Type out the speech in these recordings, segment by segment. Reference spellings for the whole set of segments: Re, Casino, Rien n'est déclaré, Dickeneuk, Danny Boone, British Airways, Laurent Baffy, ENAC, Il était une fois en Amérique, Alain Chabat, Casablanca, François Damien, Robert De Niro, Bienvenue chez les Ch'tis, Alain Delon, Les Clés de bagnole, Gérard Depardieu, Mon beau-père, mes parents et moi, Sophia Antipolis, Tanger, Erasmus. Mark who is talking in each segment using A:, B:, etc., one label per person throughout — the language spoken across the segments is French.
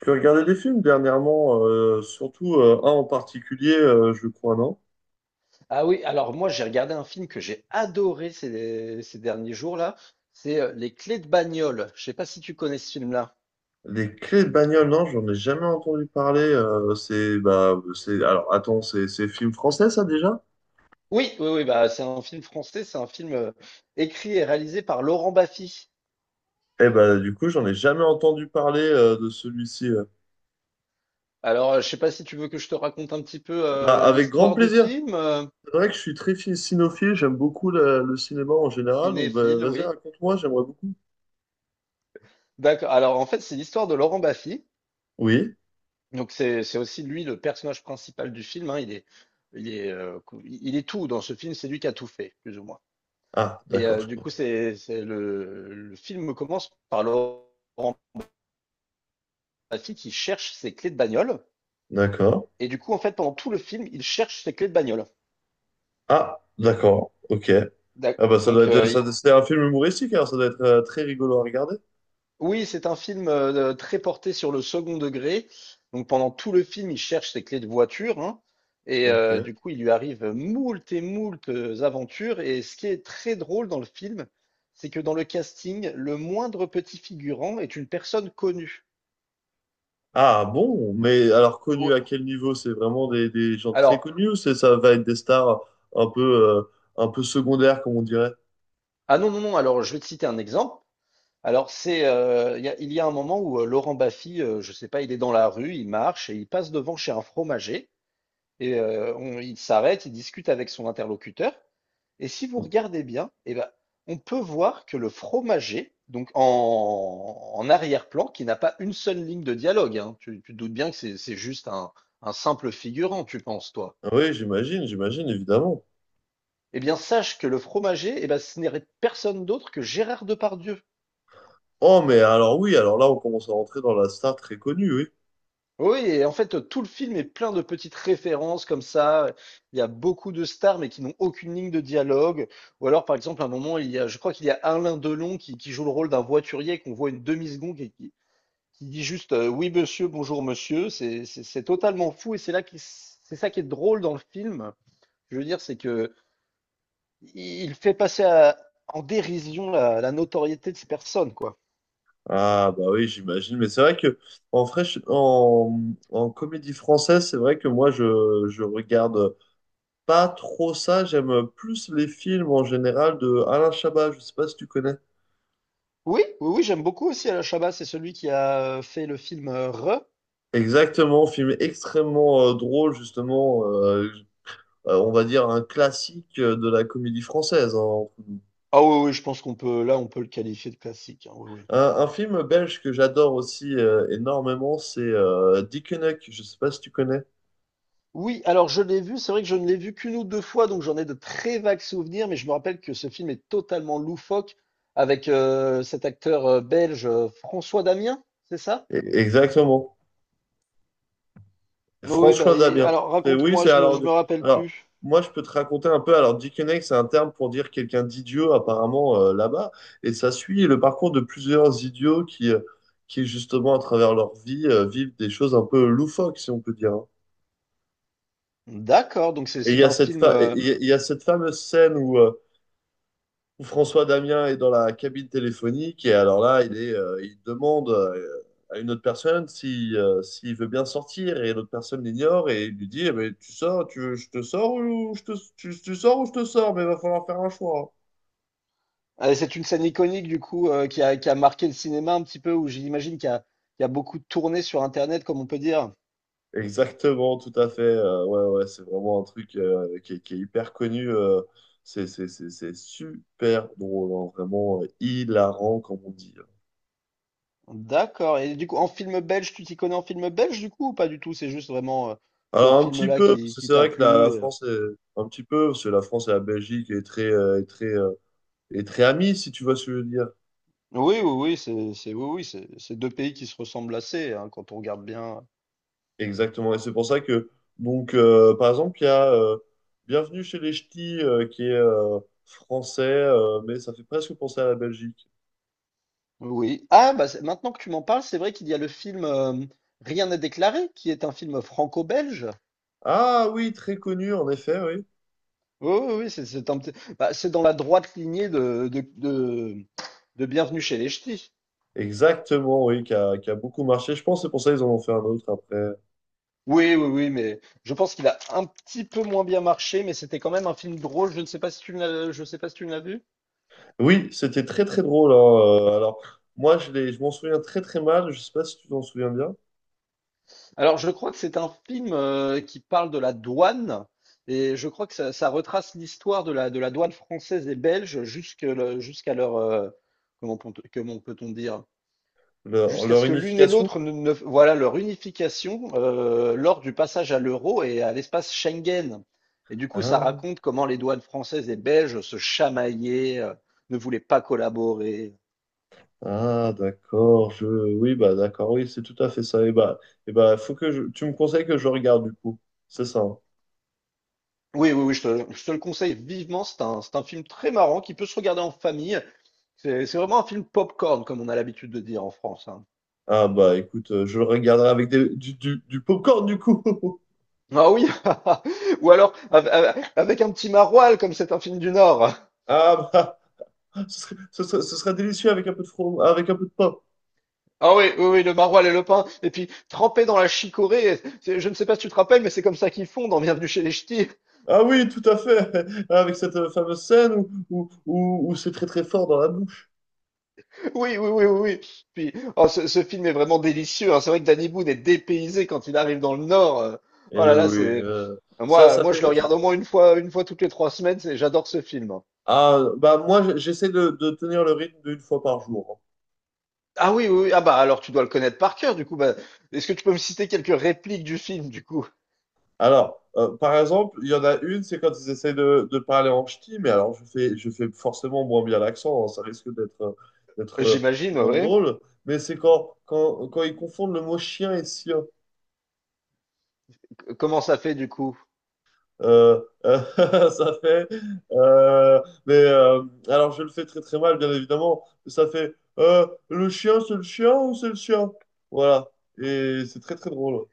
A: Tu as regardé des films dernièrement, surtout un en particulier, je crois, non?
B: Ah oui, alors moi j'ai regardé un film que j'ai adoré ces derniers jours-là, c'est Les Clés de bagnole. Je sais pas si tu connais ce film-là.
A: Les clés de bagnole, non, j'en ai jamais entendu parler. C'est, bah, c'est, alors attends, c'est film français ça déjà?
B: Oui, oui, oui, bah c'est un film français, c'est un film écrit et réalisé par Laurent Baffy.
A: Eh bah, du coup, j'en ai jamais entendu parler de celui-ci.
B: Alors je sais pas si tu veux que je te raconte un petit peu
A: Bah, avec grand
B: l'histoire du
A: plaisir.
B: film.
A: C'est vrai que je suis cinéphile, j'aime beaucoup le cinéma en général, donc bah,
B: Cinéphile,
A: vas-y,
B: oui.
A: raconte-moi, j'aimerais beaucoup.
B: D'accord. Alors en fait c'est l'histoire de Laurent Baffy.
A: Oui?
B: Donc c'est aussi lui le personnage principal du film, hein. Il est il est tout dans ce film, c'est lui qui a tout fait plus ou moins.
A: Ah,
B: Et
A: d'accord, je
B: du
A: crois.
B: coup, le film commence par Laurent Baffy qui cherche ses clés de bagnole.
A: D'accord.
B: Et du coup, en fait, pendant tout le film, il cherche ses clés de bagnole.
A: Ah, d'accord, ok.
B: D'ac-
A: Ah bah ça doit
B: Donc,
A: être,
B: euh,
A: ça,
B: il-
A: c'est un film humoristique, alors ça doit être très rigolo à regarder.
B: oui, c'est un film très porté sur le second degré. Donc, pendant tout le film, il cherche ses clés de voiture, hein. Et
A: Ok.
B: du coup, il lui arrive moult et moult aventures. Et ce qui est très drôle dans le film, c'est que dans le casting, le moindre petit figurant est une personne connue.
A: Ah bon, mais alors connu à
B: Ouais.
A: quel niveau? C'est vraiment des gens très
B: Alors,
A: connus ou c'est ça va être des stars un peu, euh, un peu secondaires, comme on dirait?
B: ah non, non, non, alors je vais te citer un exemple. Alors c'est, il y a un moment où Laurent Baffy, je sais pas, il est dans la rue, il marche et il passe devant chez un fromager et il s'arrête, il discute avec son interlocuteur. Et si vous regardez bien, eh ben, on peut voir que le fromager, donc en arrière-plan, qui n'a pas une seule ligne de dialogue, hein, tu te doutes bien que c'est juste un simple figurant, tu penses, toi.
A: Ah oui, j'imagine, j'imagine, évidemment.
B: Eh bien, sache que le fromager, eh ben, ce n'est personne d'autre que Gérard Depardieu.
A: Oh, mais alors oui, alors là, on commence à rentrer dans la star très connue, oui.
B: Oui, et en fait, tout le film est plein de petites références comme ça. Il y a beaucoup de stars, mais qui n'ont aucune ligne de dialogue. Ou alors, par exemple, à un moment, il y a, je crois qu'il y a Alain Delon qui joue le rôle d'un voiturier qu'on voit une demi-seconde et qui dit juste oui monsieur, bonjour monsieur. C'est totalement fou et c'est ça qui est drôle dans le film. Je veux dire, c'est que il fait passer à- en dérision la notoriété de ces personnes, quoi.
A: Ah bah oui, j'imagine. Mais c'est vrai que en, fraîche- en, en comédie française, c'est vrai que moi, je regarde pas trop ça. J'aime plus les films en général de Alain Chabat. Je sais pas si tu connais.
B: Oui, oui, oui, j'aime beaucoup aussi Alain Chabat. C'est celui qui a fait le film Re.
A: Exactement, film extrêmement drôle, justement. On va dire un classique de la comédie française, hein, entre nous.
B: Ah oui, oui, je pense qu'on peut, là, on peut le qualifier de classique, hein, oui, oui.
A: Un film belge que j'adore aussi énormément, c'est Dickeneuk. Je sais pas si tu connais.
B: Oui, alors je l'ai vu, c'est vrai que je ne l'ai vu qu'une ou deux fois, donc j'en ai de très vagues souvenirs, mais je me rappelle que ce film est totalement loufoque avec cet acteur belge François Damien, c'est ça?
A: E- Exactement.
B: Oui, bah,
A: François
B: et-
A: Dabien.
B: alors
A: C'est- oui,
B: raconte-moi,
A: c'est alors.
B: je me rappelle
A: Alors,
B: plus.
A: moi, je peux te raconter un peu. Alors, Dickeneck, c'est un terme pour dire quelqu'un d'idiot, apparemment, là-bas. Et ça suit le parcours de plusieurs idiots qui justement, à travers leur vie, vivent des choses un peu loufoques, si on peut dire, hein.
B: D'accord, donc c'est
A: Et il y
B: c'est
A: a
B: un
A: cette
B: film,
A: fa- et
B: euh,
A: il y a cette fameuse scène où François Damien est dans la cabine téléphonique et alors là, il demande à une autre personne si s'il veut bien sortir et l'autre personne l'ignore et il lui dit, eh ben, tu sors, tu veux, je te sors tu, tu sors ou je te sors, mais il va falloir faire un choix.
B: euh, C'est une scène iconique du coup qui a marqué le cinéma un petit peu, où j'imagine il y a beaucoup tourné sur Internet, comme on peut dire.
A: Exactement, tout à fait. Ouais, ouais, c'est vraiment un truc est qui est hyper connu. C'est super drôle, hein, vraiment hilarant, comme on dit, hein.
B: D'accord. Et du coup, en film belge, tu t'y connais en film belge du coup ou pas du tout? C'est juste vraiment ce
A: Alors un petit
B: film-là
A: peu, parce que
B: qui
A: c'est
B: t'a
A: vrai que la
B: plu,
A: France est un petit peu, parce que la France et la Belgique est très amies, si tu vois ce que je veux dire.
B: Oui, oui, oui, oui, oui, c'est deux pays qui se ressemblent assez, hein, quand on regarde bien.
A: Exactement. Et c'est pour ça que, donc, par exemple, il y a Bienvenue chez les Ch'tis, qui est français, mais ça fait presque penser à la Belgique.
B: Oui. Ah, bah, c'est- maintenant que tu m'en parles, c'est vrai qu'il y a le film Rien n'est déclaré, qui est un film franco-belge.
A: Ah oui, très connu, en effet, oui.
B: Oui, oui, oui, c'est un bah, c'est dans la droite lignée de Bienvenue chez les Ch'tis.
A: Exactement, oui, qui a beaucoup marché. Je pense que c'est pour ça qu'ils en ont fait un autre après.
B: Oui, oui, oui, mais je pense qu'il a un petit peu moins bien marché, mais c'était quand même un film drôle. Je ne sais pas si tu l'as, je sais pas si tu l'as vu.
A: Oui, c'était très très drôle, hein. Alors, je m'en souviens très très mal. Je sais pas si tu t'en souviens bien.
B: Alors, je crois que c'est un film qui parle de la douane, et je crois que ça retrace l'histoire de de la douane française et belge jusqu'à leur, comment peut-on dire,
A: Leur,
B: jusqu'à
A: leur
B: ce que l'une et
A: unification?
B: l'autre voilà leur unification lors du passage à l'euro et à l'espace Schengen. Et du coup, ça
A: Ah,
B: raconte comment les douanes françaises et belges se chamaillaient, ne voulaient pas collaborer.
A: ah, d'accord, je... Oui, bah d'accord, oui, c'est tout à fait ça. Et bah, faut que je... Tu me conseilles que je regarde, du coup. C'est ça, hein.
B: Oui, oui, oui, je te le conseille vivement. C'est un film très marrant qui peut se regarder en famille. C'est vraiment un film popcorn, comme on a l'habitude de dire en France, hein.
A: Ah bah, écoute, je le regarderai avec du popcorn, du coup.
B: Ah oui, ou alors avec un petit maroilles, comme c'est un film du Nord.
A: Ah bah, ce serait, ce serait, ce serait délicieux avec un peu de from avec un peu de pain.
B: Ah oui, oui, oui, le maroilles et le pain, et puis trempé dans la chicorée, c'est- je ne sais pas si tu te rappelles, mais c'est comme ça qu'ils font dans Bienvenue chez les Ch'tis.
A: Ah oui, tout à fait. Avec cette fameuse scène où c'est très très fort dans la bouche.
B: Oui, oui, oui, oui, oui. Puis, oh, ce film est vraiment délicieux, hein. C'est vrai que Danny Boone est dépaysé quand il arrive dans le Nord,
A: Et
B: Oh là là,
A: oui, oui,
B: c'est, moi,
A: ça
B: moi, je le
A: fait... ça-
B: regarde au moins une fois toutes les trois semaines, c'est- j'adore ce film, hein.
A: Ah, bah moi, j'essaie de tenir le rythme d'une fois par jour, hein.
B: Ah oui, oui, oui, ah bah, alors tu dois le connaître par cœur, du coup, bah, est-ce que tu peux me citer quelques répliques du film, du coup?
A: Alors, par exemple, il y en a une, c'est quand ils essayent de parler en ch'ti, mais alors je fais forcément moins bien l'accent, hein, ça risque d'être
B: J'imagine,
A: moins
B: ouais.
A: drôle, mais c'est quand, quand, quand ils confondent le mot chien et sien.
B: Comment ça fait, du coup?
A: Euh, euh, Ça fait. euh, mais euh, alors, je le fais très très mal, bien évidemment, mais ça fait le chien, c'est le chien ou c'est le chien? Voilà, et c'est très très drôle.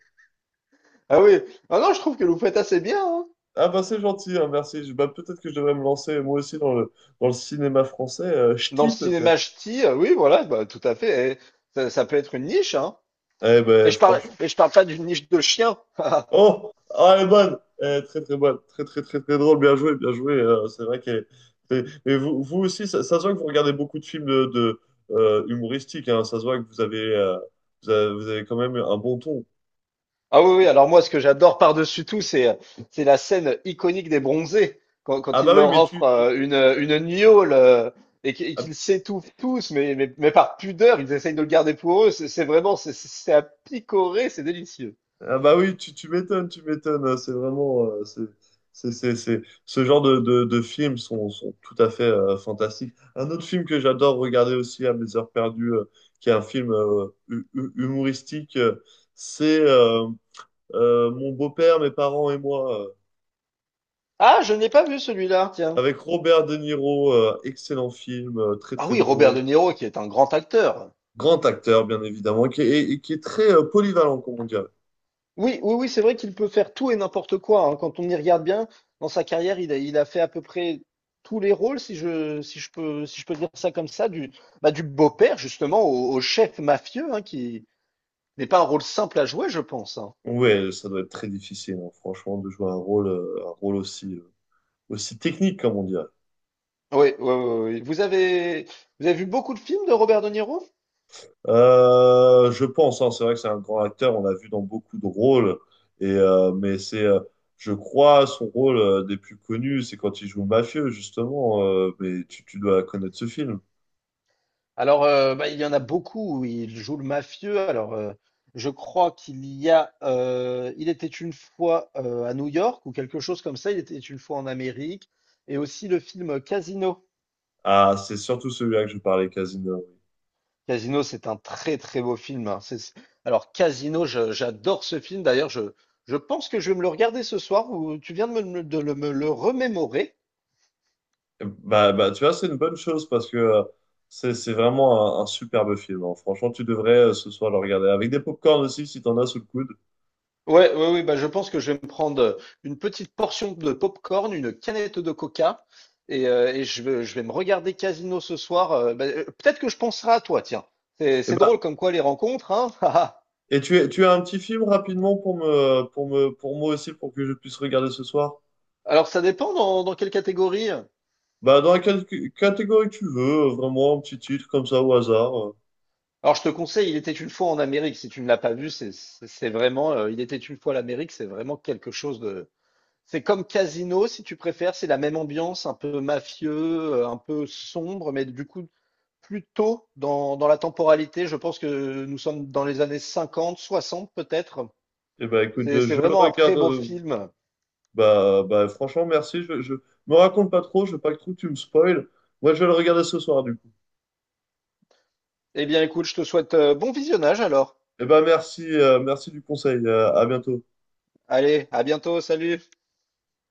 B: Ah oui. Ah non, je trouve que vous faites assez bien, hein.
A: Ah bah c'est gentil, hein, merci. Je- bah, peut-être que je devrais me lancer moi aussi dans le cinéma français.
B: Dans le
A: Ch'ti
B: cinéma
A: peut-être.
B: ch'ti, oui, voilà, bah, tout à fait. Et ça peut être une niche, hein.
A: Eh ben franchement.
B: Et je parle pas d'une niche de chien.
A: Oh, ah, elle est bonne. Eh, très très bonne. Très très très très drôle. Bien joué, bien joué. C'est vrai qu'elle est- est- Et vous, vous aussi, ça se voit que vous regardez beaucoup de films humoristiques, hein. Ça se voit que vous avez, vous avez quand même un bon ton.
B: Ah oui, oui, alors moi, ce que j'adore par-dessus tout, c'est la scène iconique des bronzés, quand
A: Ah
B: il
A: bah oui,
B: leur
A: mais tu,
B: offre
A: tu-
B: une gnôle et et qu'ils s'étouffent tous, mais par pudeur, ils essayent de le garder pour eux. C'est vraiment, c'est à picorer, c'est délicieux.
A: Ah bah oui, tu m'étonnes, tu m'étonnes, hein. C'est vraiment, c'est- ce genre de films sont, sont tout à fait fantastiques. Un autre film que j'adore regarder aussi à mes heures perdues, qui est un film humoristique, c'est Mon beau-père, mes parents et moi,
B: Ah, je n'ai pas vu celui-là, tiens.
A: avec Robert De Niro. Euh, excellent film, très
B: Ah
A: très
B: oui, Robert
A: drôle,
B: De Niro, qui est un grand acteur.
A: grand acteur bien évidemment, qui est, et qui est très polyvalent, comme on dirait.
B: Oui, oui, oui, c'est vrai qu'il peut faire tout et n'importe quoi, hein. Quand on y regarde bien, dans sa carrière, il a fait à peu près tous les rôles, si je peux dire ça comme ça, du, bah, du beau-père justement au chef mafieux, hein, qui n'est pas un rôle simple à jouer, je pense, hein.
A: Ouais, ça doit être très difficile, hein, franchement, de jouer un rôle aussi, aussi technique, comme on dirait.
B: Oui, oui, oui, oui. Vous avez vu beaucoup de films de Robert De Niro?
A: Je pense, hein, c'est vrai que c'est un grand acteur, on l'a vu dans beaucoup de rôles, et, euh, mais c'est, euh, je crois, son rôle des plus connus, c'est quand il joue mafieux, justement, mais tu dois connaître ce film.
B: Alors, bah, il y en a beaucoup où il joue le mafieux. Alors, je crois qu'il y a, il était une fois à New York ou quelque chose comme ça. Il était une fois en Amérique. Et aussi le film Casino.
A: Ah, c'est surtout celui-là que je parlais, Casino.
B: Casino, c'est un très très beau film, hein. Alors, Casino, j'adore ce film. D'ailleurs, je pense que je vais me le regarder ce soir. Ou tu viens de me, de le- me le remémorer.
A: Bah, bah, tu vois, c'est une bonne chose, parce que c'est vraiment un superbe film, hein. Franchement, tu devrais ce soir le regarder, avec des pop aussi, si t'en as sous le coude.
B: Ouais, ouais, ouais, bah je pense que je vais me prendre une petite portion de popcorn, une canette de coca, et, je vais me regarder Casino ce soir. Peut-être que je penserai à toi, tiens.
A: Et
B: C'est
A: ben,
B: drôle comme quoi les rencontres, hein.
A: et tu, es- tu as un petit film rapidement pour me, pour me, pour moi aussi, pour que je puisse regarder ce soir?
B: Alors ça dépend dans quelle catégorie.
A: Bah, dans la cat- catégorie que tu veux, vraiment un petit titre comme ça au hasard.
B: Alors je te conseille, il était une fois en Amérique, si tu ne l'as pas vu, c'est vraiment, il était une fois l'Amérique, c'est vraiment quelque chose de, c'est comme Casino, si tu préfères, c'est la même ambiance, un peu mafieux, un peu sombre, mais du coup, plutôt dans la temporalité. Je pense que nous sommes dans les années 50, 60 peut-être.
A: Et ben écoute,
B: C'est
A: je le
B: vraiment un
A: regarde.
B: très beau
A: Euh,
B: film.
A: bah, bah, franchement, merci. Je me raconte pas trop, je veux pas que trop tu me spoil. Moi, je vais le regarder ce soir, du coup.
B: Eh bien, écoute, je te souhaite bon visionnage alors.
A: Et ben merci, merci du conseil. Euh, à bientôt.
B: Allez, à bientôt, salut.